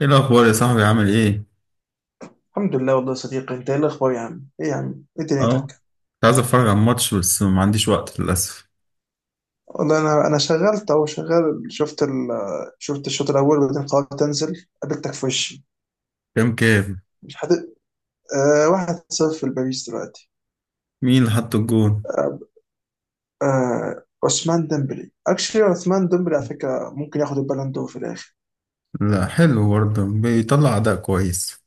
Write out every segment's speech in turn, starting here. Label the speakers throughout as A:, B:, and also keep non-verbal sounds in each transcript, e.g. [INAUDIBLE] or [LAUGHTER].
A: ايه الاخبار يا صاحبي، عامل ايه؟
B: الحمد لله والله يا صديقي، انت ايه الاخبار يا عم؟ ايه يا عم، ايه
A: اه،
B: دنيتك؟
A: كنت عايز اتفرج على الماتش، بس ما عنديش وقت للاسف.
B: والله انا شغلت اهو شغال. شفت الشوط الاول وبعدين قررت تنزل، قابلتك في وشي.
A: كام كام؟
B: مش حد. آه، 1-0 لباريس دلوقتي.
A: مين اللي حط الجون؟
B: آه آه، عثمان ديمبلي اكشلي. عثمان ديمبلي على فكره ممكن ياخد البالون دور في الاخر.
A: لا، حلو برضه، بيطلع اداء كويس.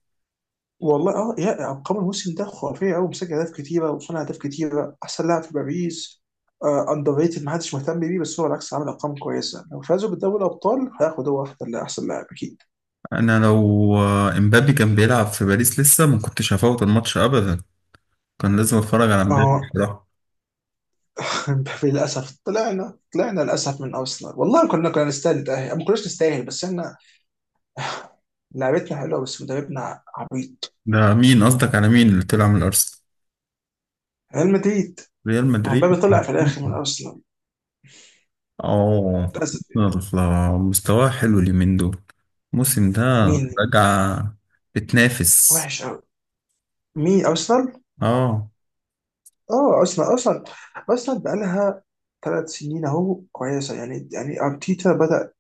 B: والله اه، يا ارقام الموسم ده خرافيه قوي، مسجل اهداف كتيره وصنع اهداف كتيره، احسن لاعب في باريس. اندر ريتد، ما حدش مهتم بيه بس هو بالعكس عامل ارقام كويسه. لو فازوا بالدوري الابطال، هياخد هو واحد احسن لاعب اكيد.
A: انا لو امبابي كان بيلعب في باريس لسه ما كنتش هفوت الماتش ابدا. كان لازم اتفرج على امبابي
B: اه.
A: بصراحه.
B: [LAUGHS] للاسف طلعنا للاسف من ارسنال. والله كنا نستاهل، ما كناش نستاهل، بس احنا [LAUGHS] لعبتنا حلوه بس مدربنا عبيط.
A: ده مين قصدك؟ على مين اللي طلع من الارسنال؟
B: ريال مدريد.
A: ريال
B: ما هو مبابي
A: مدريد.
B: طلع في الاخر من ارسنال
A: اه،
B: للأسف.
A: يلا، مستواه حلو اليومين دول، الموسم ده
B: مين؟
A: رجع، بتنافس.
B: وحش قوي. مين، ارسنال؟
A: اه.
B: اه، ارسنال. ارسنال بقى لها 3 سنين اهو كويسه يعني ارتيتا بدا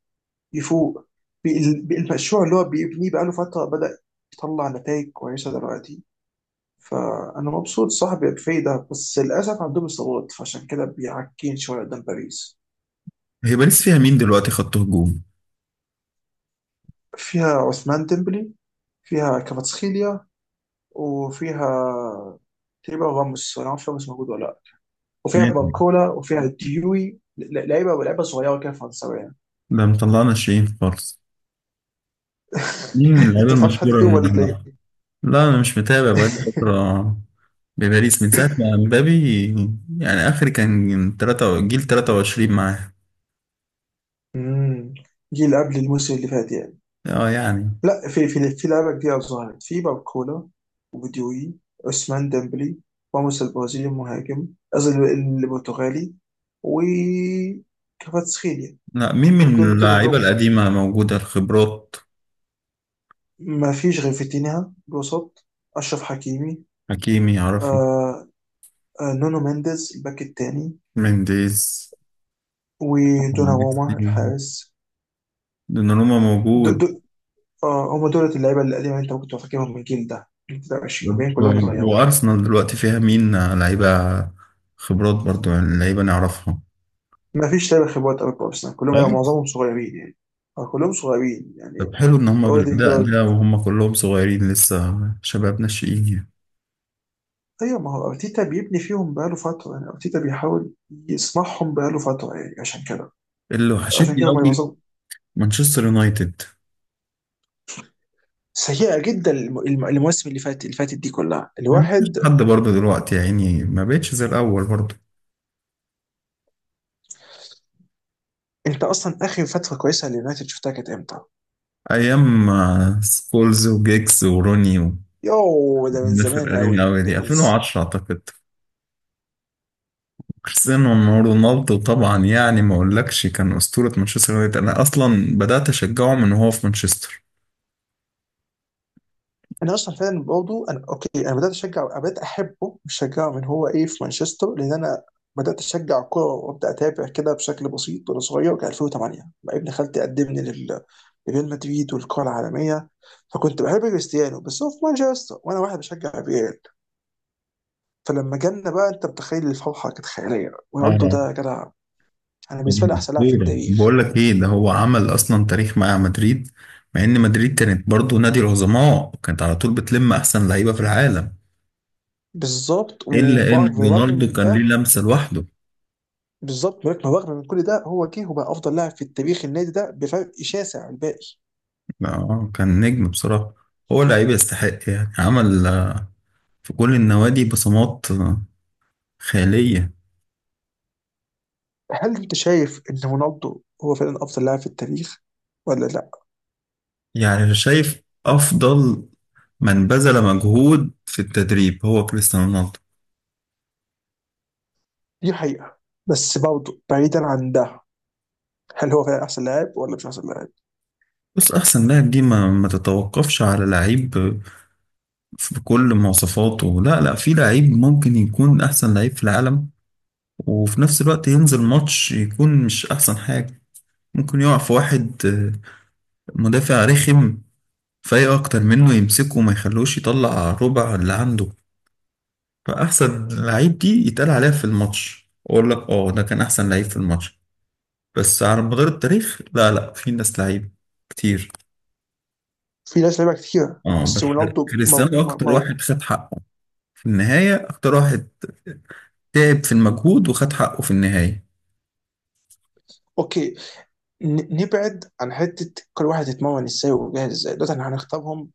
B: يفوق بالمشروع اللي هو بيبنيه بقى له فتره، بدا يطلع نتائج كويسه دلوقتي. فانا مبسوط صاحبي، كفاية ده. بس للاسف عندهم اصابات فعشان كده بيعكين شويه قدام باريس.
A: هي باريس فيها مين دلوقتي، خط هجوم؟
B: فيها عثمان ديمبلي، فيها كفاتسخيليا، وفيها تقريبا راموس، انا ما اعرفش راموس موجود ولا لا. وفيها
A: مين؟
B: باركولا وفيها ديوي. لعيبه صغيره كده فرنساويه.
A: ده مطلعنا شيء خالص. مين من
B: [LAUGHS]
A: اللعيبة
B: انت ما تعرفش حد
A: المشهورة
B: فيهم
A: اللي
B: ولا
A: نعرفها؟
B: ايه؟
A: لا، أنا مش متابع بقالي
B: [LAUGHS]
A: فترة بباريس من ساعة ما مبابي، يعني آخر كان تلاتة، جيل 23 معاه.
B: امم جيل قبل الموسم اللي فات يعني.
A: اه يعني.
B: لا، في لعيبه كتير ظهرت: في باركولا، وبديوي، عثمان ديمبلي، راموس البرازيلي المهاجم، قصدي البرتغالي، و كفاراتسخيليا.
A: لا، مين من
B: دول هجوم
A: اللعيبة
B: بولا.
A: القديمة موجودة، الخبرات؟
B: ما فيش غير فيتينها الوسط، اشرف حكيمي.
A: حكيمي عرفي.
B: آه، آه، نونو مينديز الباك التاني.
A: منديز.
B: ودوناروما الحارس.
A: دوناروما
B: دول
A: موجود.
B: دول آه، هم دول اللعيبه القديمه اللي انت كنت فاكرهم. من الجيل ده 23 باقيين، كلهم اتغيروا.
A: وأرسنال دلوقتي فيها مين لعيبة؟ خبرات برضو، يعني لعيبة نعرفها.
B: ما فيش لعيبه خبرات قوي في ارسنال، كلهم لعيبه، معظمهم صغيرين يعني، أو كلهم صغيرين يعني.
A: طب حلو ان هم بالاداء
B: اوديجارد.
A: ده وهم كلهم صغيرين لسه، شباب ناشئين يعني.
B: ايوه، ما هو ارتيتا بيبني فيهم بقاله فتره يعني، ارتيتا بيحاول يصنعهم بقاله فتره يعني، عشان كده
A: اللي
B: عشان
A: وحشتني
B: كده هم
A: قوي
B: يوصلوا.
A: مانشستر يونايتد.
B: سيئه جدا المواسم اللي فاتت، اللي فاتت دي كلها
A: ما فيش
B: الواحد.
A: حد برضه دلوقتي يا عيني، ما بقتش زي الاول برضه.
B: انت اصلا اخر فتره كويسه لليونايتد شفتها كانت امتى؟
A: ايام سكولز وجيكس وروني،
B: يوه، ده من
A: والناس
B: زمان
A: القديمه
B: قوي،
A: قوي
B: ده
A: دي
B: من...
A: 2010 اعتقد. كريستيانو رونالدو طبعا، يعني ما اقولكش كان اسطوره مانشستر يونايتد. انا اصلا بدات اشجعه من وهو في مانشستر.
B: انا اصلا فعلا برضه، انا اوكي، انا بدات اشجع، أنا بدات احبه، مش اشجعه من هو ايه في مانشستر، لان انا بدات اشجع كوره وابدا اتابع كده بشكل بسيط وانا صغير، كان 2008 لما ابن خالتي قدمني لريال مدريد والكره العالميه. فكنت بحب كريستيانو بس هو في مانشستر، وانا واحد بشجع ريال، فلما جالنا بقى انت متخيل الفرحه كانت خياليه. رونالدو ده
A: اه.
B: يا جدع، انا بالنسبه لي احسن لاعب في
A: خير.
B: التاريخ.
A: بقول لك ايه، ده هو عمل اصلا تاريخ مع مدريد. مع ان مدريد كانت برضو نادي العظماء، كانت على طول بتلم احسن لعيبه في العالم.
B: بالظبط،
A: الا ان
B: وبرغم
A: رونالدو
B: من
A: كان
B: ده،
A: ليه لمسه لوحده.
B: بالظبط، ولكن رغم من كل ده هو جه وبقى افضل لاعب في التاريخ، النادي ده، بفرق شاسع عن الباقي.
A: اه، كان نجم بصراحه. هو لعيب يستحق، يعني عمل في كل النوادي بصمات خياليه.
B: هل انت شايف ان رونالدو هو فعلا افضل لاعب في التاريخ ولا لا؟
A: يعني شايف افضل من بذل مجهود في التدريب هو كريستيانو رونالدو.
B: دي حقيقه، بس برضه بعيدا عن ده، هل هو فعلا احسن لاعب ولا مش احسن لاعب؟
A: بس احسن لاعب دي ما تتوقفش على لعيب بكل مواصفاته. لا لا، في لعيب ممكن يكون احسن لعيب في العالم وفي نفس الوقت ينزل ماتش يكون مش احسن حاجة. ممكن يقع في واحد مدافع رخم فايق اكتر منه، يمسكه وما يخلوش يطلع ربع اللي عنده. فاحسن لعيب دي يتقال عليها في الماتش، اقول لك اه ده كان احسن لعيب في الماتش. بس على مدار التاريخ لا لا، في ناس لعيب كتير.
B: في ناس لعيبه كتيره
A: اه، بس
B: بس رونالدو
A: كريستيانو اكتر
B: مو...
A: واحد خد حقه في النهاية، اكتر واحد تعب في المجهود وخد حقه في النهاية.
B: اوكي. نبعد عن حته كل واحد يتمرن ازاي وجاهز ازاي، دلوقتي احنا هنختارهم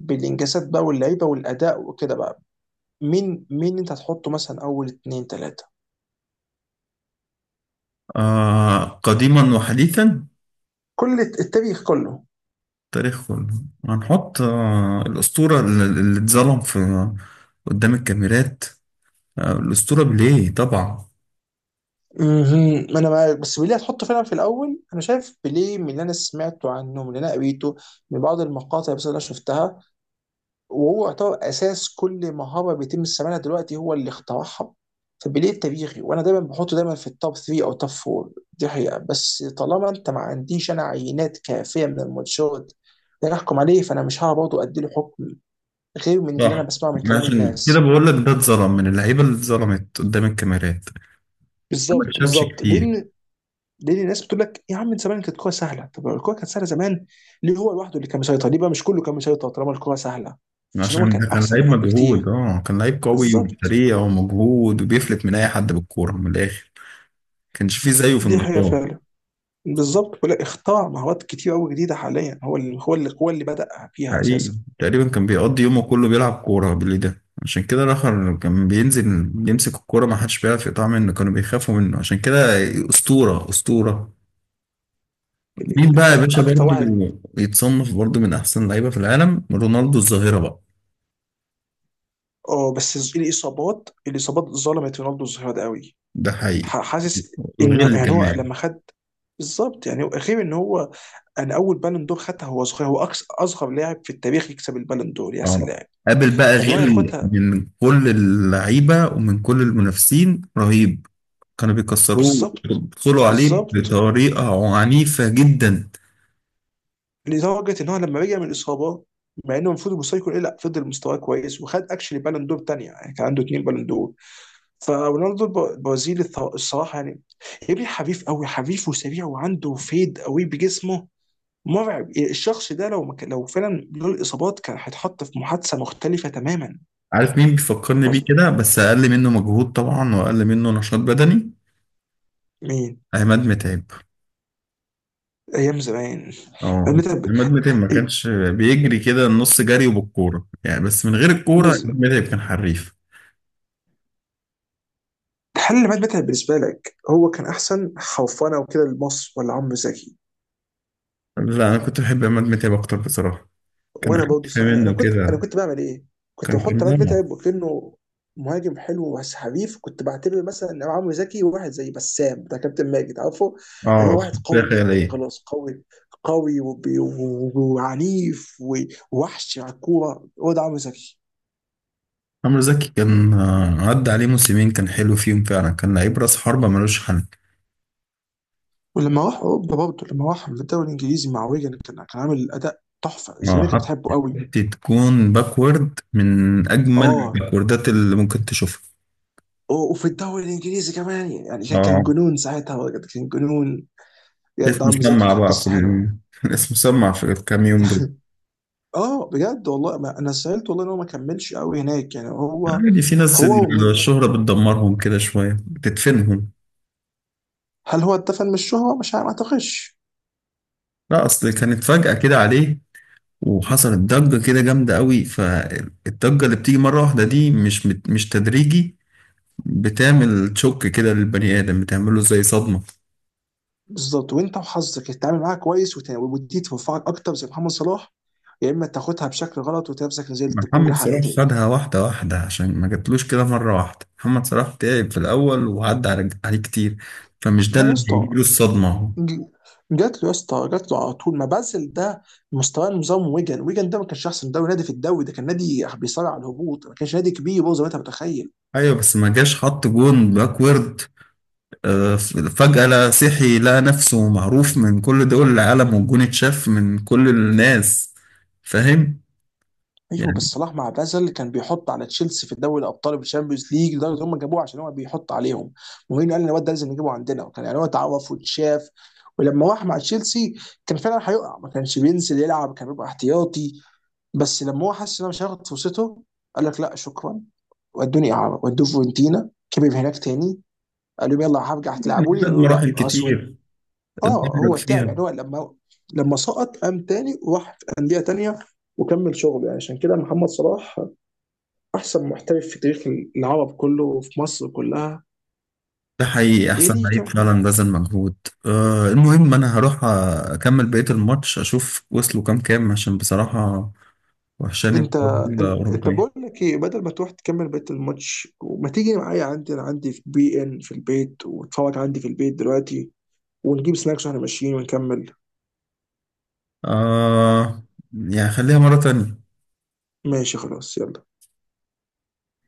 B: بالانجازات بقى واللعيبه والاداء وكده بقى. مين انت هتحطه مثلا اول اتنين تلاته؟
A: آه، قديما وحديثا،
B: كل التاريخ كله.
A: تاريخ كله. هنحط الأسطورة اللي اتظلم في قدام الكاميرات، آه الأسطورة بليه طبعا.
B: مهم. ما انا معاك، بس بيليه هتحطه فعلا في الاول؟ انا شايف بيليه من اللي انا سمعته عنه، من اللي انا قريته، من بعض المقاطع بس اللي انا شفتها، وهو يعتبر اساس كل مهاره بيتم استعمالها دلوقتي، هو اللي اخترعها. فبيليه تاريخي، وانا دايما بحطه دايما في التوب 3 او توب 4. دي حقيقه، بس طالما انت ما عنديش، انا، عينات كافيه من الماتشات اللي أنا احكم عليه، فانا مش هعرف برضه اديله حكم غير من اللي انا
A: صح،
B: بسمعه من كلام
A: عشان كده
B: الناس.
A: بقول لك ده اتظلم من اللعيبة اللي اتظلمت قدام الكاميرات، ده ما
B: بالظبط،
A: اتشافش
B: بالظبط،
A: كتير.
B: لان ليه الناس بتقول لك يا عم من زمان كانت الكوره سهله؟ طب لو الكوره كانت سهله زمان، ليه هو لوحده اللي كان مسيطر؟ ليه بقى مش كله كان مسيطر طالما الكوره سهله؟ عشان هو
A: عشان
B: كان
A: ده كان
B: احسن
A: لعيب
B: منهم
A: مجهود،
B: بكتير.
A: اه كان لعيب قوي
B: بالظبط.
A: وسريع ومجهود، وبيفلت من أي حد بالكورة من الآخر. كانش فيه زيه في
B: دي حقيقه
A: النقاط.
B: فعلا. بالظبط، ولا اختار مهارات كتير قوي جديده حاليا، هو اللي بدا فيها
A: حقيقي،
B: اساسا.
A: تقريبا كان بيقضي يومه كله بيلعب كورة باللي ده، عشان كده الآخر كان بينزل يمسك الكورة ما حدش بيعرف يقطعها منه، كانوا بيخافوا منه، عشان كده أسطورة أسطورة. مين بقى يا باشا
B: اكتر واحد.
A: برضه يتصنف برضه من أحسن لعيبة في العالم؟ رونالدو الظاهرة بقى.
B: اه، بس الاصابات، الاصابات ظلمت رونالدو الظهير ده قوي.
A: ده حقيقي،
B: حاسس انه،
A: وغل
B: يعني هو
A: كمان.
B: لما خد، بالظبط، يعني غير ان هو، انا، اول بالون دور خدها هو صغير، هو أكس اصغر لاعب في التاريخ يكسب البالون دور، يا
A: اه،
B: سلام،
A: قابل بقى
B: فان هو
A: غل
B: ياخدها.
A: من كل اللعيبة ومن كل المنافسين، رهيب. كانوا بيكسروه،
B: بالظبط،
A: بيدخلوا عليه
B: بالظبط.
A: بطريقة عنيفة جدا.
B: لدرجه ان هو لما رجع من الاصابه، مع انه المفروض المستوى يكون ايه، لا، فضل مستواه كويس وخد اكشلي بالون دور تانية، يعني كان عنده 2 بالون دور. فرونالدو البرازيلي، الصراحه يعني، يا ابني حريف قوي، حريف وسريع وعنده فيد قوي بجسمه. مرعب الشخص ده، لو ما كان- لو فعلا له الاصابات كان هيتحط في محادثه مختلفه تماما.
A: عارف مين بيفكرني بيه
B: بس
A: كده، بس اقل منه مجهود طبعا واقل منه نشاط بدني؟
B: مين؟
A: عماد متعب.
B: ايام زمان.
A: اه، عماد متعب ما
B: إيه،
A: كانش بيجري كده النص جري وبالكوره يعني، بس من غير الكوره
B: بس
A: عماد متعب كان حريف.
B: الحل اللي مات بالنسبه لك، هو كان احسن خوفنا وكده لمصر ولا عمرو زكي؟
A: لا، انا كنت بحب عماد متعب اكتر بصراحه. كان
B: وانا برضه
A: عارف
B: صح. انا انا
A: منه
B: كنت انا
A: كده.
B: كنت بعمل ايه؟ كنت
A: كان
B: بحط
A: كان
B: عماد متعب وكانه مهاجم حلو بس حريف. كنت بعتبر مثلا ان عمرو زكي واحد زي بسام بتاع كابتن ماجد، عارفه ان
A: اه،
B: هو واحد
A: شخصية
B: قوي جدا
A: خيالية.
B: وخلاص، قوي، قوي وعنيف ووحش على الكوره، هو ده عمرو زكي.
A: عمرو زكي كان عدى عليه موسمين كان حلو فيهم فعلا، كان لعيب راس حربة ملوش حل.
B: ولما راح اوروبا برضه، لما راح الدوري الانجليزي مع ويجن، كان عامل اداء تحفه، الجماهير
A: اه،
B: كانت بتحبه قوي.
A: حتى تكون باكورد من أجمل
B: اه.
A: الباكوردات اللي ممكن تشوفها.
B: وفي الدوري الانجليزي كمان يعني، كان
A: اه،
B: جنون ساعتها بجد، كان جنون بجد.
A: اسم
B: عم زكي
A: مسمع
B: كانت
A: بقى
B: قصه حلوه.
A: [LAUGHS] اسم مسمع في الكام يوم دول.
B: اه بجد، والله ما انا سالت، والله ان هو ما كملش قوي هناك يعني، هو
A: عادي، في ناس
B: هو ومي.
A: الشهرة بتدمرهم كده شوية، بتدفنهم.
B: هل هو اتفق من الشهره؟ مش عارف، ما اعتقدش.
A: لا، أصل كانت فجأة كده عليه، وحصلت ضجة كده جامدة قوي. فالضجة اللي بتيجي مرة واحدة دي مش تدريجي، بتعمل شوك كده للبني آدم، بتعمله زي صدمة.
B: بالظبط، وانت وحظك تتعامل معاها كويس وت- ودي تنفعك اكتر زي محمد صلاح، يا اما تاخدها بشكل غلط وتلاقي نفسك نزلت كل
A: محمد
B: حاجه
A: صلاح
B: تاني.
A: خدها واحدة واحدة عشان ما جاتلوش كده مرة واحدة، محمد صلاح تعب في الأول وعدى عليه كتير، فمش ده
B: لا يا
A: اللي
B: اسطى،
A: هيجيله الصدمة.
B: ج- جات له يا اسطى، جات له على طول، ما بازل ده، مستواه نظام ويجن، ويجن ده ما كانش احسن دوري، نادي في الدوري ده كان نادي بيصارع على الهبوط، ما كانش نادي كبير برضه زي ما انت متخيل.
A: ايوه، بس ما جاش حط جون باكورد آه، فجأة لا صحي لقى نفسه معروف من كل دول العالم والجون اتشاف من كل الناس، فاهم
B: ايوه، بس
A: يعني.
B: صلاح مع بازل كان بيحط على تشيلسي في الدوري الابطال والشامبيونز ليج، لدرجه ان هم جابوه عشان هو بيحط عليهم. مورينيو قال ان الواد ده لازم نجيبه عندنا، وكان يعني هو اتعرف واتشاف. ولما راح مع تشيلسي كان فعلا هيقع، ما كانش بينزل يلعب، كان بيبقى احتياطي، بس لما هو حس ان هو مش هياخد فرصته قال لك لا شكرا، ودوني اعاره ودوه فيورنتينا، كبر هناك تاني، قال لهم يلا هرجع
A: يعني
B: تلعبوا لي،
A: خد
B: قالوا لا
A: مراحل
B: اسود.
A: كتير
B: اه،
A: اتدرج
B: هو تعب
A: فيها.
B: يعني، هو لما سقط قام تاني وراح في انديه تانيه وكمل شغله. يعني عشان كده محمد صلاح احسن محترف في تاريخ العرب كله وفي مصر كلها.
A: ده حقيقي
B: يا
A: احسن
B: دي كام
A: لعيب
B: حد.
A: فعلا بذل مجهود. المهم انا هروح اكمل بقية الماتش اشوف وصلوا كام كام، عشان بصراحة وحشاني
B: انت،
A: بطولة
B: انت، بقول
A: أوروبية.
B: لك ايه، بدل ما تروح تكمل بقيه الماتش، وما تيجي معايا؟ عندي، انا عندي في بي ان في البيت، وتتفرج عندي في البيت دلوقتي، ونجيب سناكس واحنا ماشيين ونكمل.
A: آه يعني، خليها مرة تانية.
B: ماشي خلاص، يلا.